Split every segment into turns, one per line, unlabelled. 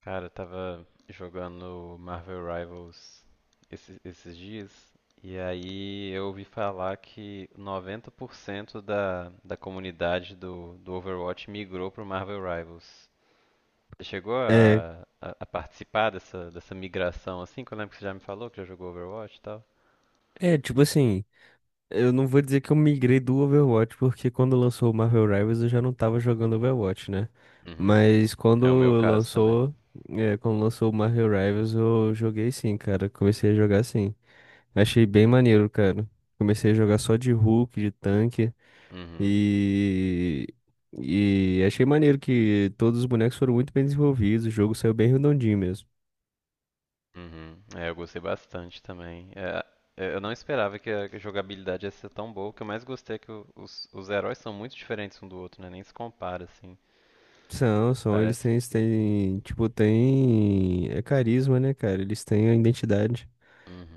Cara, eu tava jogando Marvel Rivals esses dias e aí eu ouvi falar que 90% da comunidade do Overwatch migrou pro Marvel Rivals. Você chegou
É,
a participar dessa migração assim? Que eu lembro que você já me falou que já jogou Overwatch e tal.
é, tipo assim, eu não vou dizer que eu migrei do Overwatch, porque quando lançou o Marvel Rivals eu já não tava jogando Overwatch, né?
Uhum.
Mas
É o meu caso também.
lançou, quando lançou o Marvel Rivals eu joguei sim, cara. Comecei a jogar sim. Achei bem maneiro, cara. Comecei a jogar só de Hulk, de tanque
Uhum.
e. E achei maneiro que todos os bonecos foram muito bem desenvolvidos, o jogo saiu bem redondinho mesmo.
Uhum. É, eu gostei bastante também. É, eu não esperava que a jogabilidade ia ser tão boa. O que eu mais gostei é que os heróis são muito diferentes um do outro, né? Nem se compara, assim.
São, eles
Parece
têm, eles
que.
têm, tipo, têm carisma, né, cara? Eles têm a identidade.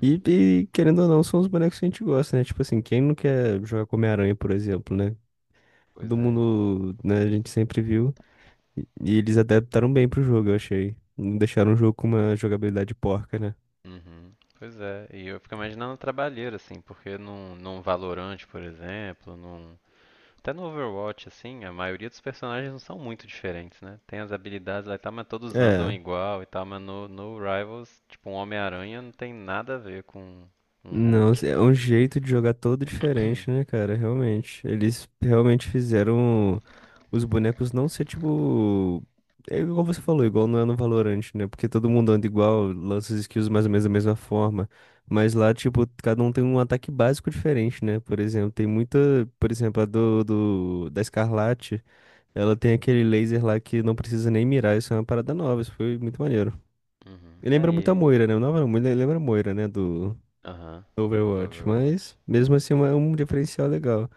E, e, querendo ou não, são os bonecos que a gente gosta, né? Tipo assim, quem não quer jogar com Homem-Aranha, por exemplo, né?
Pois
Todo
é.
mundo, né, a gente sempre viu. E eles adaptaram bem pro jogo, eu achei. Não deixaram o jogo com uma jogabilidade porca, né?
Uhum. Pois é. E eu fico imaginando a trabalheira, assim, porque num Valorant, por exemplo, num. Até no Overwatch, assim, a maioria dos personagens não são muito diferentes, né? Tem as habilidades lá e tal, mas todos andam
É,
igual e tal, mas no Rivals, tipo, um Homem-Aranha não tem nada a ver com um
não,
Hulk.
é um jeito de jogar todo diferente, né, cara? Realmente. Eles realmente fizeram os bonecos não ser tipo. É igual você falou, igual não é no Valorant, né? Porque todo mundo anda igual, lança as skills mais ou menos da mesma forma. Mas lá, tipo, cada um tem um ataque básico diferente, né? Por exemplo, tem muita. Por exemplo, a da Escarlate, ela tem aquele laser lá que não precisa nem mirar. Isso é uma parada nova, isso foi muito maneiro.
Uhum.
E lembra muito a
Aí,
Moira, né? Não, não, lembra a Moira, né? Do
aham, do
Overwatch,
Overwatch.
mas mesmo assim é é um diferencial legal.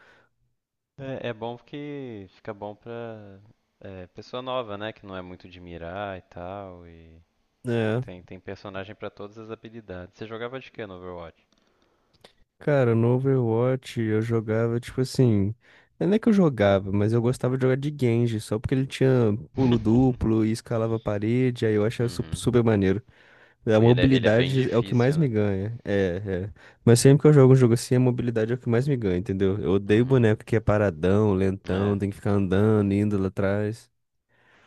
É, é bom porque fica bom pra pessoa nova, né? Que não é muito de mirar e tal. E
É,
tem personagem pra todas as habilidades. Você jogava de quê no Overwatch?
cara, no Overwatch eu jogava tipo assim. Não é que eu jogava, mas eu gostava de jogar de Genji, só porque ele tinha pulo duplo e escalava a parede, aí eu achava super maneiro. A
Pô, ele é bem
mobilidade é o que mais
difícil,
me
né?
ganha. É, é. Mas sempre que eu jogo um jogo assim, a mobilidade é o que mais me ganha, entendeu? Eu odeio
Uhum.
boneco que é paradão,
É,
lentão, tem que ficar andando, indo lá atrás.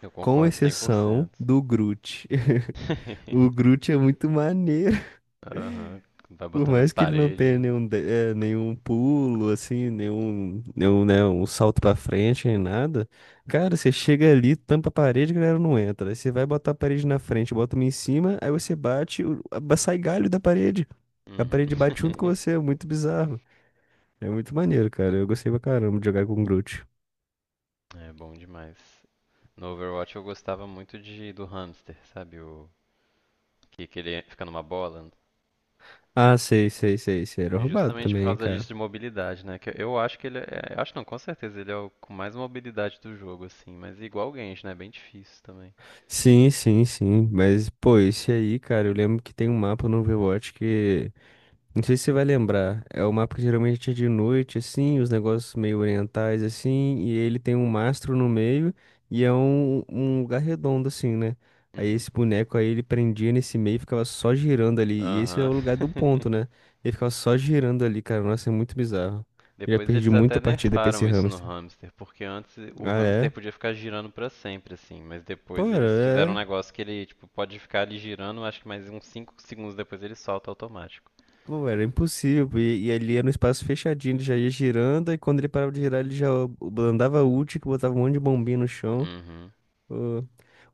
eu
Com
concordo cem por
exceção
cento.
do Groot. O Groot é muito maneiro.
Aham, vai
Por
botando nas
mais que ele não
paredes,
tenha
né?
nenhum, nenhum pulo, assim, nenhum, né, um salto pra frente, nem nada. Cara, você chega ali, tampa a parede, a galera não entra. Aí você vai botar a parede na frente, bota uma em cima, aí você bate, sai galho da parede. A
Uhum.
parede bate junto com você, é muito bizarro. É muito maneiro, cara. Eu gostei pra caramba de jogar com o Groot.
É bom demais. No Overwatch eu gostava muito de do hamster, sabe? O que, que ele fica numa bola,
Ah, sei, sei, sei, sei. Era roubado
justamente por
também,
causa
cara.
disso de mobilidade, né? Que eu acho que ele é, acho não, com certeza ele é o com mais mobilidade do jogo assim, mas igual o Genshin, né? É bem difícil também.
Sim, sim, sim. Mas, pô, esse aí, cara, eu lembro que tem um mapa no Overwatch que. Não sei se você vai lembrar. É o mapa que geralmente é de noite, assim, os negócios meio orientais, assim, e ele tem um mastro no meio e é um, um lugar redondo, assim, né? Aí
Uhum.
esse boneco aí ele prendia nesse meio e ficava só girando ali. E esse é
Aham.
o lugar do ponto, né? Ele ficava só girando ali, cara. Nossa, é muito bizarro. Já
Depois
perdi
eles
muita
até
partida pra esse
nerfaram isso no
hamster.
hamster, porque antes o
Ah,
hamster
é?
podia ficar girando pra sempre assim, mas
Pô,
depois eles
era,
fizeram um
é.
negócio que ele tipo pode ficar ali girando, acho que mais uns 5 segundos depois ele solta automático.
Pô, era impossível. E ali era um espaço fechadinho, ele já ia girando, e quando ele parava de girar, ele já andava ult, que botava um monte de bombinha no chão.
Uhum.
Uh,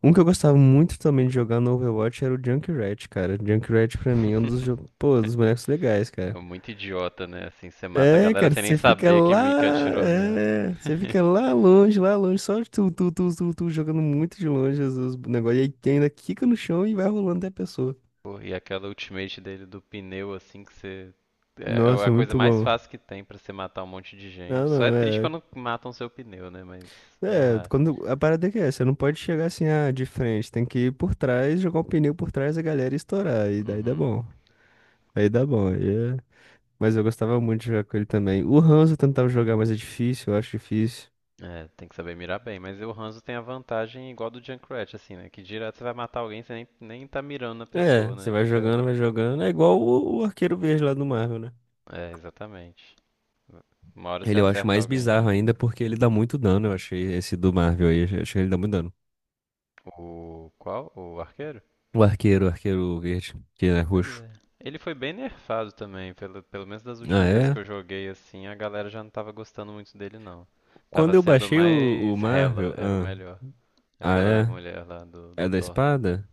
Um que eu gostava muito também de jogar no Overwatch era o Junkrat, cara. Junkrat pra mim é um dos, pô, dos bonecos legais,
É
cara.
muito idiota, né? Assim, você mata a
É,
galera
cara,
sem nem
você fica
saber
lá,
que atirou nela.
é, você fica lá longe, só tu, tu, tu, tu, tu, jogando muito de longe os negócios, e aí tem ainda quica no chão e vai rolando até a pessoa.
Pô, e aquela ultimate dele do pneu, assim, que você. É a
Nossa, é
coisa
muito
mais
bom.
fácil que tem pra você matar um monte de
Não,
gente. Só é
não,
triste
é,
quando matam seu pneu, né? Mas. É
é,
raro.
quando, a parada é que é, você não pode chegar assim, ah, de frente, tem que ir por trás, jogar o pneu por trás, a galera e estourar, e daí
Uhum.
dá bom, aí é. Mas eu gostava muito de jogar com ele também. O Hanzo eu tentava jogar, mas é difícil, eu acho difícil.
É, tem que saber mirar bem. Mas o Hanzo tem a vantagem igual do Junkrat, assim, né? Que direto você vai matar alguém, você nem tá mirando na
É,
pessoa,
você
né?
vai
Fica.
jogando, vai jogando. É igual o Arqueiro Verde lá do Marvel, né?
É, exatamente. Uma hora você
Ele eu acho
acerta
mais
alguém.
bizarro ainda porque ele dá muito dano, eu achei esse do Marvel aí. Eu achei que ele dá muito dano.
O. Qual? O arqueiro?
O Arqueiro Verde, que é
Pois
roxo.
é. Ele foi bem nerfado também, pelo menos das
Ah,
últimas vezes que
é?
eu joguei assim, a galera já não tava gostando muito dele não. Tava
Quando eu
sendo
baixei o
mais Hela,
Marvel.
era o
Ah,
melhor.
ah,
Aquela
é?
mulher lá do
É da
Thor.
espada?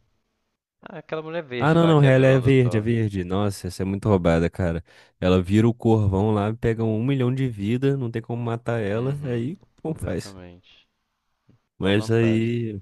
Ah, aquela mulher
Ah,
verde
não,
lá
não,
que é a
ela é
vilã do
verde, é
Thor.
verde. Nossa, essa é muito roubada, cara. Ela vira o corvão lá, pega um milhão de vida, não tem como matar ela,
Uhum,
aí como faz?
exatamente. Só
Mas
vantagens.
aí.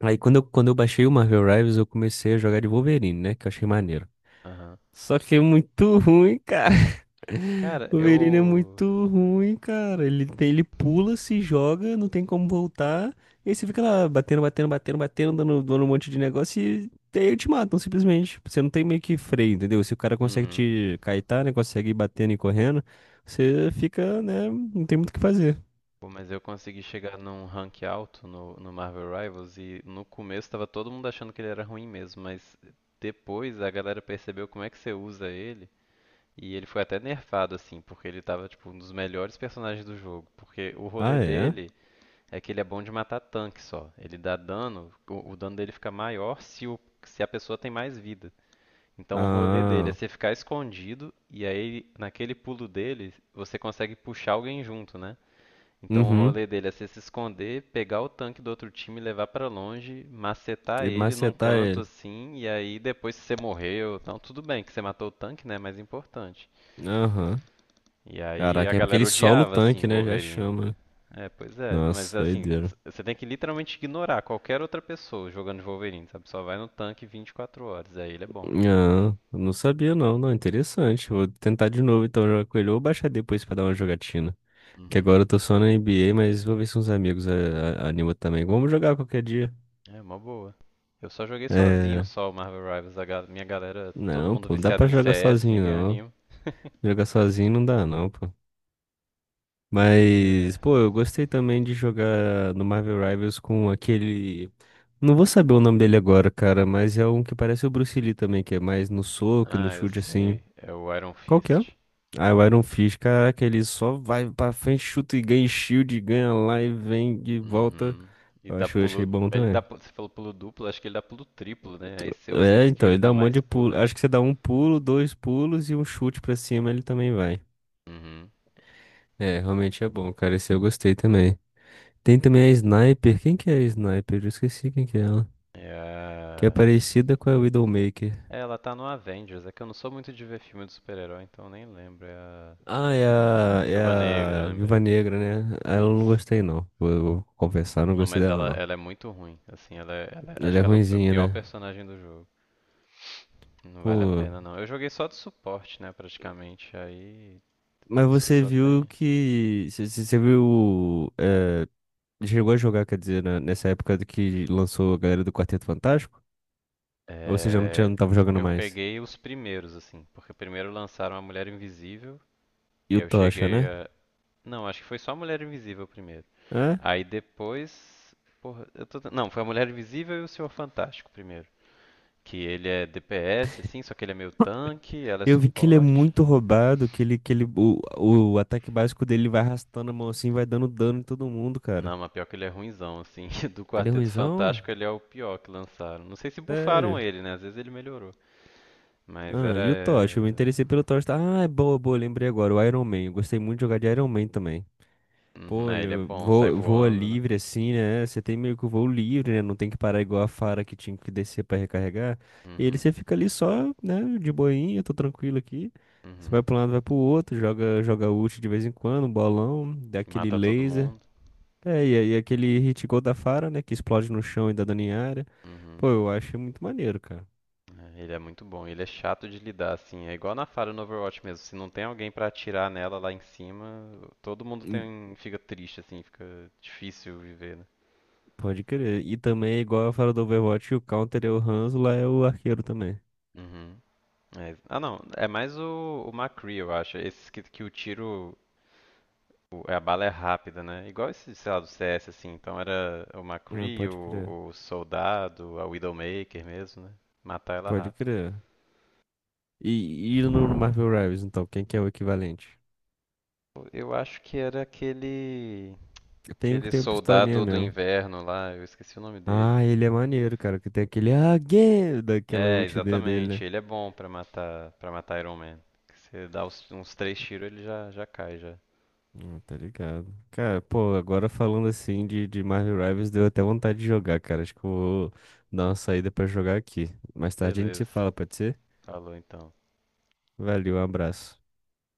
Aí quando eu baixei o Marvel Rivals, eu comecei a jogar de Wolverine, né? Que eu achei maneiro.
Aham.
Só que é muito ruim, cara.
Cara,
O Verino é
eu.
muito ruim, cara. Ele tem, ele pula, se joga, não tem como voltar. E aí você fica lá batendo, batendo, batendo, batendo, dando, dando um monte de negócio e aí te matam simplesmente. Você não tem meio que freio, entendeu? Se o cara consegue
Uhum.
te caetar, né? Consegue ir batendo e correndo, você fica, né? Não tem muito o que fazer.
Pô, mas eu consegui chegar num rank alto no Marvel Rivals e no começo tava todo mundo achando que ele era ruim mesmo, mas depois a galera percebeu como é que você usa ele e ele foi até nerfado assim, porque ele tava tipo um dos melhores personagens do jogo, porque o rolê
Ah, é?
dele é que ele é bom de matar tanque só. Ele dá dano, o dano dele fica maior se a pessoa tem mais vida. Então o rolê dele é
Ah,
você ficar escondido e aí naquele pulo dele você consegue puxar alguém junto, né? Então o
uhum.
rolê dele é você se esconder, pegar o tanque do outro time, levar pra longe, macetar
E
ele num
macetar
canto
ele.
assim, e aí depois se você morreu, então tudo bem que você matou o tanque, né, mas é importante.
Aham.
E aí a
Caraca, é porque
galera
ele sola o
odiava assim
tanque, né? Já
Wolverine.
chama.
É, pois é, mas
Nossa,
assim,
doideira.
você tem que literalmente ignorar qualquer outra pessoa jogando de Wolverine, sabe? Só vai no tanque 24 horas, aí ele é bom.
Ah, não sabia não, não, interessante. Vou tentar de novo então jogar com ele ou baixar depois pra dar uma jogatina. Que
Uhum.
agora eu tô só na NBA, mas vou ver se uns amigos animam também. Vamos jogar qualquer dia.
É uma boa. Eu só joguei sozinho
É,
só o Marvel Rivals, minha galera, todo
não,
mundo
pô, não dá
viciado
pra
em
jogar
CS,
sozinho
ninguém
não.
anima.
Jogar sozinho não dá não, pô.
É.
Mas, pô, eu gostei também de jogar no Marvel Rivals com aquele. Não vou saber o nome dele agora, cara, mas é um que parece o Bruce Lee também, que é mais no soco e no
Ah, eu
chute assim.
sei. É o Iron
Qual que é?
Fist.
Ah, o Iron Fist, caraca, ele só vai pra frente, chuta e ganha shield, ganha lá e vem de volta.
Uhum. E
Eu
dá
acho, eu achei
pulo.
bom
Ele dá.
também.
Você falou pulo duplo, acho que ele dá pulo triplo, né? Aí você usa a
É,
skill,
então,
ele
ele
dá
dá um monte
mais
de
pulo
pulo.
ainda.
Acho que você dá um pulo, dois pulos e um chute pra cima, ele também vai.
Uhum.
É, realmente é bom, cara. Esse eu gostei também. Tem também a Sniper. Quem que é a Sniper? Eu esqueci quem que é ela.
É
Que é
a...
parecida com a Widowmaker.
é, ela tá no Avengers. É que eu não sou muito de ver filme de super-herói, então eu nem lembro. É a
Ah, é a, é
Viúva Negra, eu
a Viúva
lembrei.
Negra, né? Ela eu não
Isso.
gostei, não. Vou confessar, não
Não,
gostei
mas
dela,
ela,
não.
ela é muito ruim. Assim,
Ela
acho
é
que ela é o
ruinzinha,
pior
né?
personagem do jogo. Não vale a
Pô,
pena, não. Eu joguei só de suporte, né, praticamente. Aí
mas
eu só,
você
só
viu
tem.
que. Você viu. Chegou a jogar, quer dizer, nessa época do que lançou a galera do Quarteto Fantástico? Ou você já não,
É,
tinha, não tava jogando
eu
mais?
peguei os primeiros, assim, porque primeiro lançaram a Mulher Invisível, e
E o
aí eu
Tocha,
cheguei
né?
a. Não, acho que foi só a Mulher Invisível primeiro.
É?
Aí depois. Porra, eu tô. Não, foi a Mulher Invisível e o Senhor Fantástico primeiro. Que ele é DPS, assim, só que ele é meio tanque, ela é
Eu vi que ele é
suporte.
muito roubado, que ele, o, ataque básico dele vai arrastando a mão assim, vai dando dano em todo mundo, cara.
Não, mas pior que ele é ruinzão, assim. Do
Ele é
Quarteto
ruinzão?
Fantástico ele é o pior que lançaram. Não sei se bufaram
Sério?
ele, né? Às vezes ele melhorou. Mas
Ah,
era.
e o Tocha? Eu me interessei pelo Tocha. Tá? Ah, é boa, boa, lembrei agora. O Iron Man. Eu gostei muito de jogar de Iron Man também.
Uhum,
Pô,
é,
olha,
ele é
eu
bom, sai
vou, voa
voando, né?
livre assim, né? Você tem meio que o voo livre, né? Não tem que parar igual a Fara que tinha que descer pra recarregar. E ele
Uhum,
você fica ali só, né? De boinha, tô tranquilo aqui. Você
uhum.
vai pra um lado, vai pro outro, joga, joga ult de vez em quando, um bolão, dá aquele
Mata todo
laser.
mundo.
É, e, aí aquele hit gold da Fara, né? Que explode no chão e dá dano em área.
Uhum.
Pô, eu acho muito maneiro, cara.
É, ele é muito bom. Ele é chato de lidar, assim. É igual na Fara no Overwatch mesmo. Se não tem alguém pra atirar nela lá em cima, todo mundo
Hum,
tem, fica triste, assim. Fica difícil viver, né?
Pode crer. E também, é igual a Fara do Overwatch, o counter é o Hanzo, lá é o arqueiro também.
Uhum. É, ah, não. É mais o McCree, eu acho. Esses que o tiro. A bala é rápida, né? Igual esse, sei lá, do CS, assim. Então era o
Ah,
McCree,
pode crer.
o Soldado, a Widowmaker mesmo, né? Matar ela
Pode
rápido.
crer. E no Marvel Rivals, então, quem que é o equivalente?
Eu acho que era aquele.
Tem um que
Aquele
tem uma pistolinha
soldado do
mesmo.
inverno lá, eu esqueci o nome dele.
Ah, ele é maneiro, cara, que tem aquele again daquela
É,
ult dele,
exatamente.
né?
Ele é bom pra para matar Iron Man. Você dá uns três tiros, ele já cai já.
Tá ligado. Cara, pô, agora falando assim de Marvel Rivals, deu até vontade de jogar, cara. Acho que eu vou dar uma saída pra jogar aqui. Mais tarde a gente se
Beleza.
fala, pode ser?
Falou então.
Valeu, um abraço.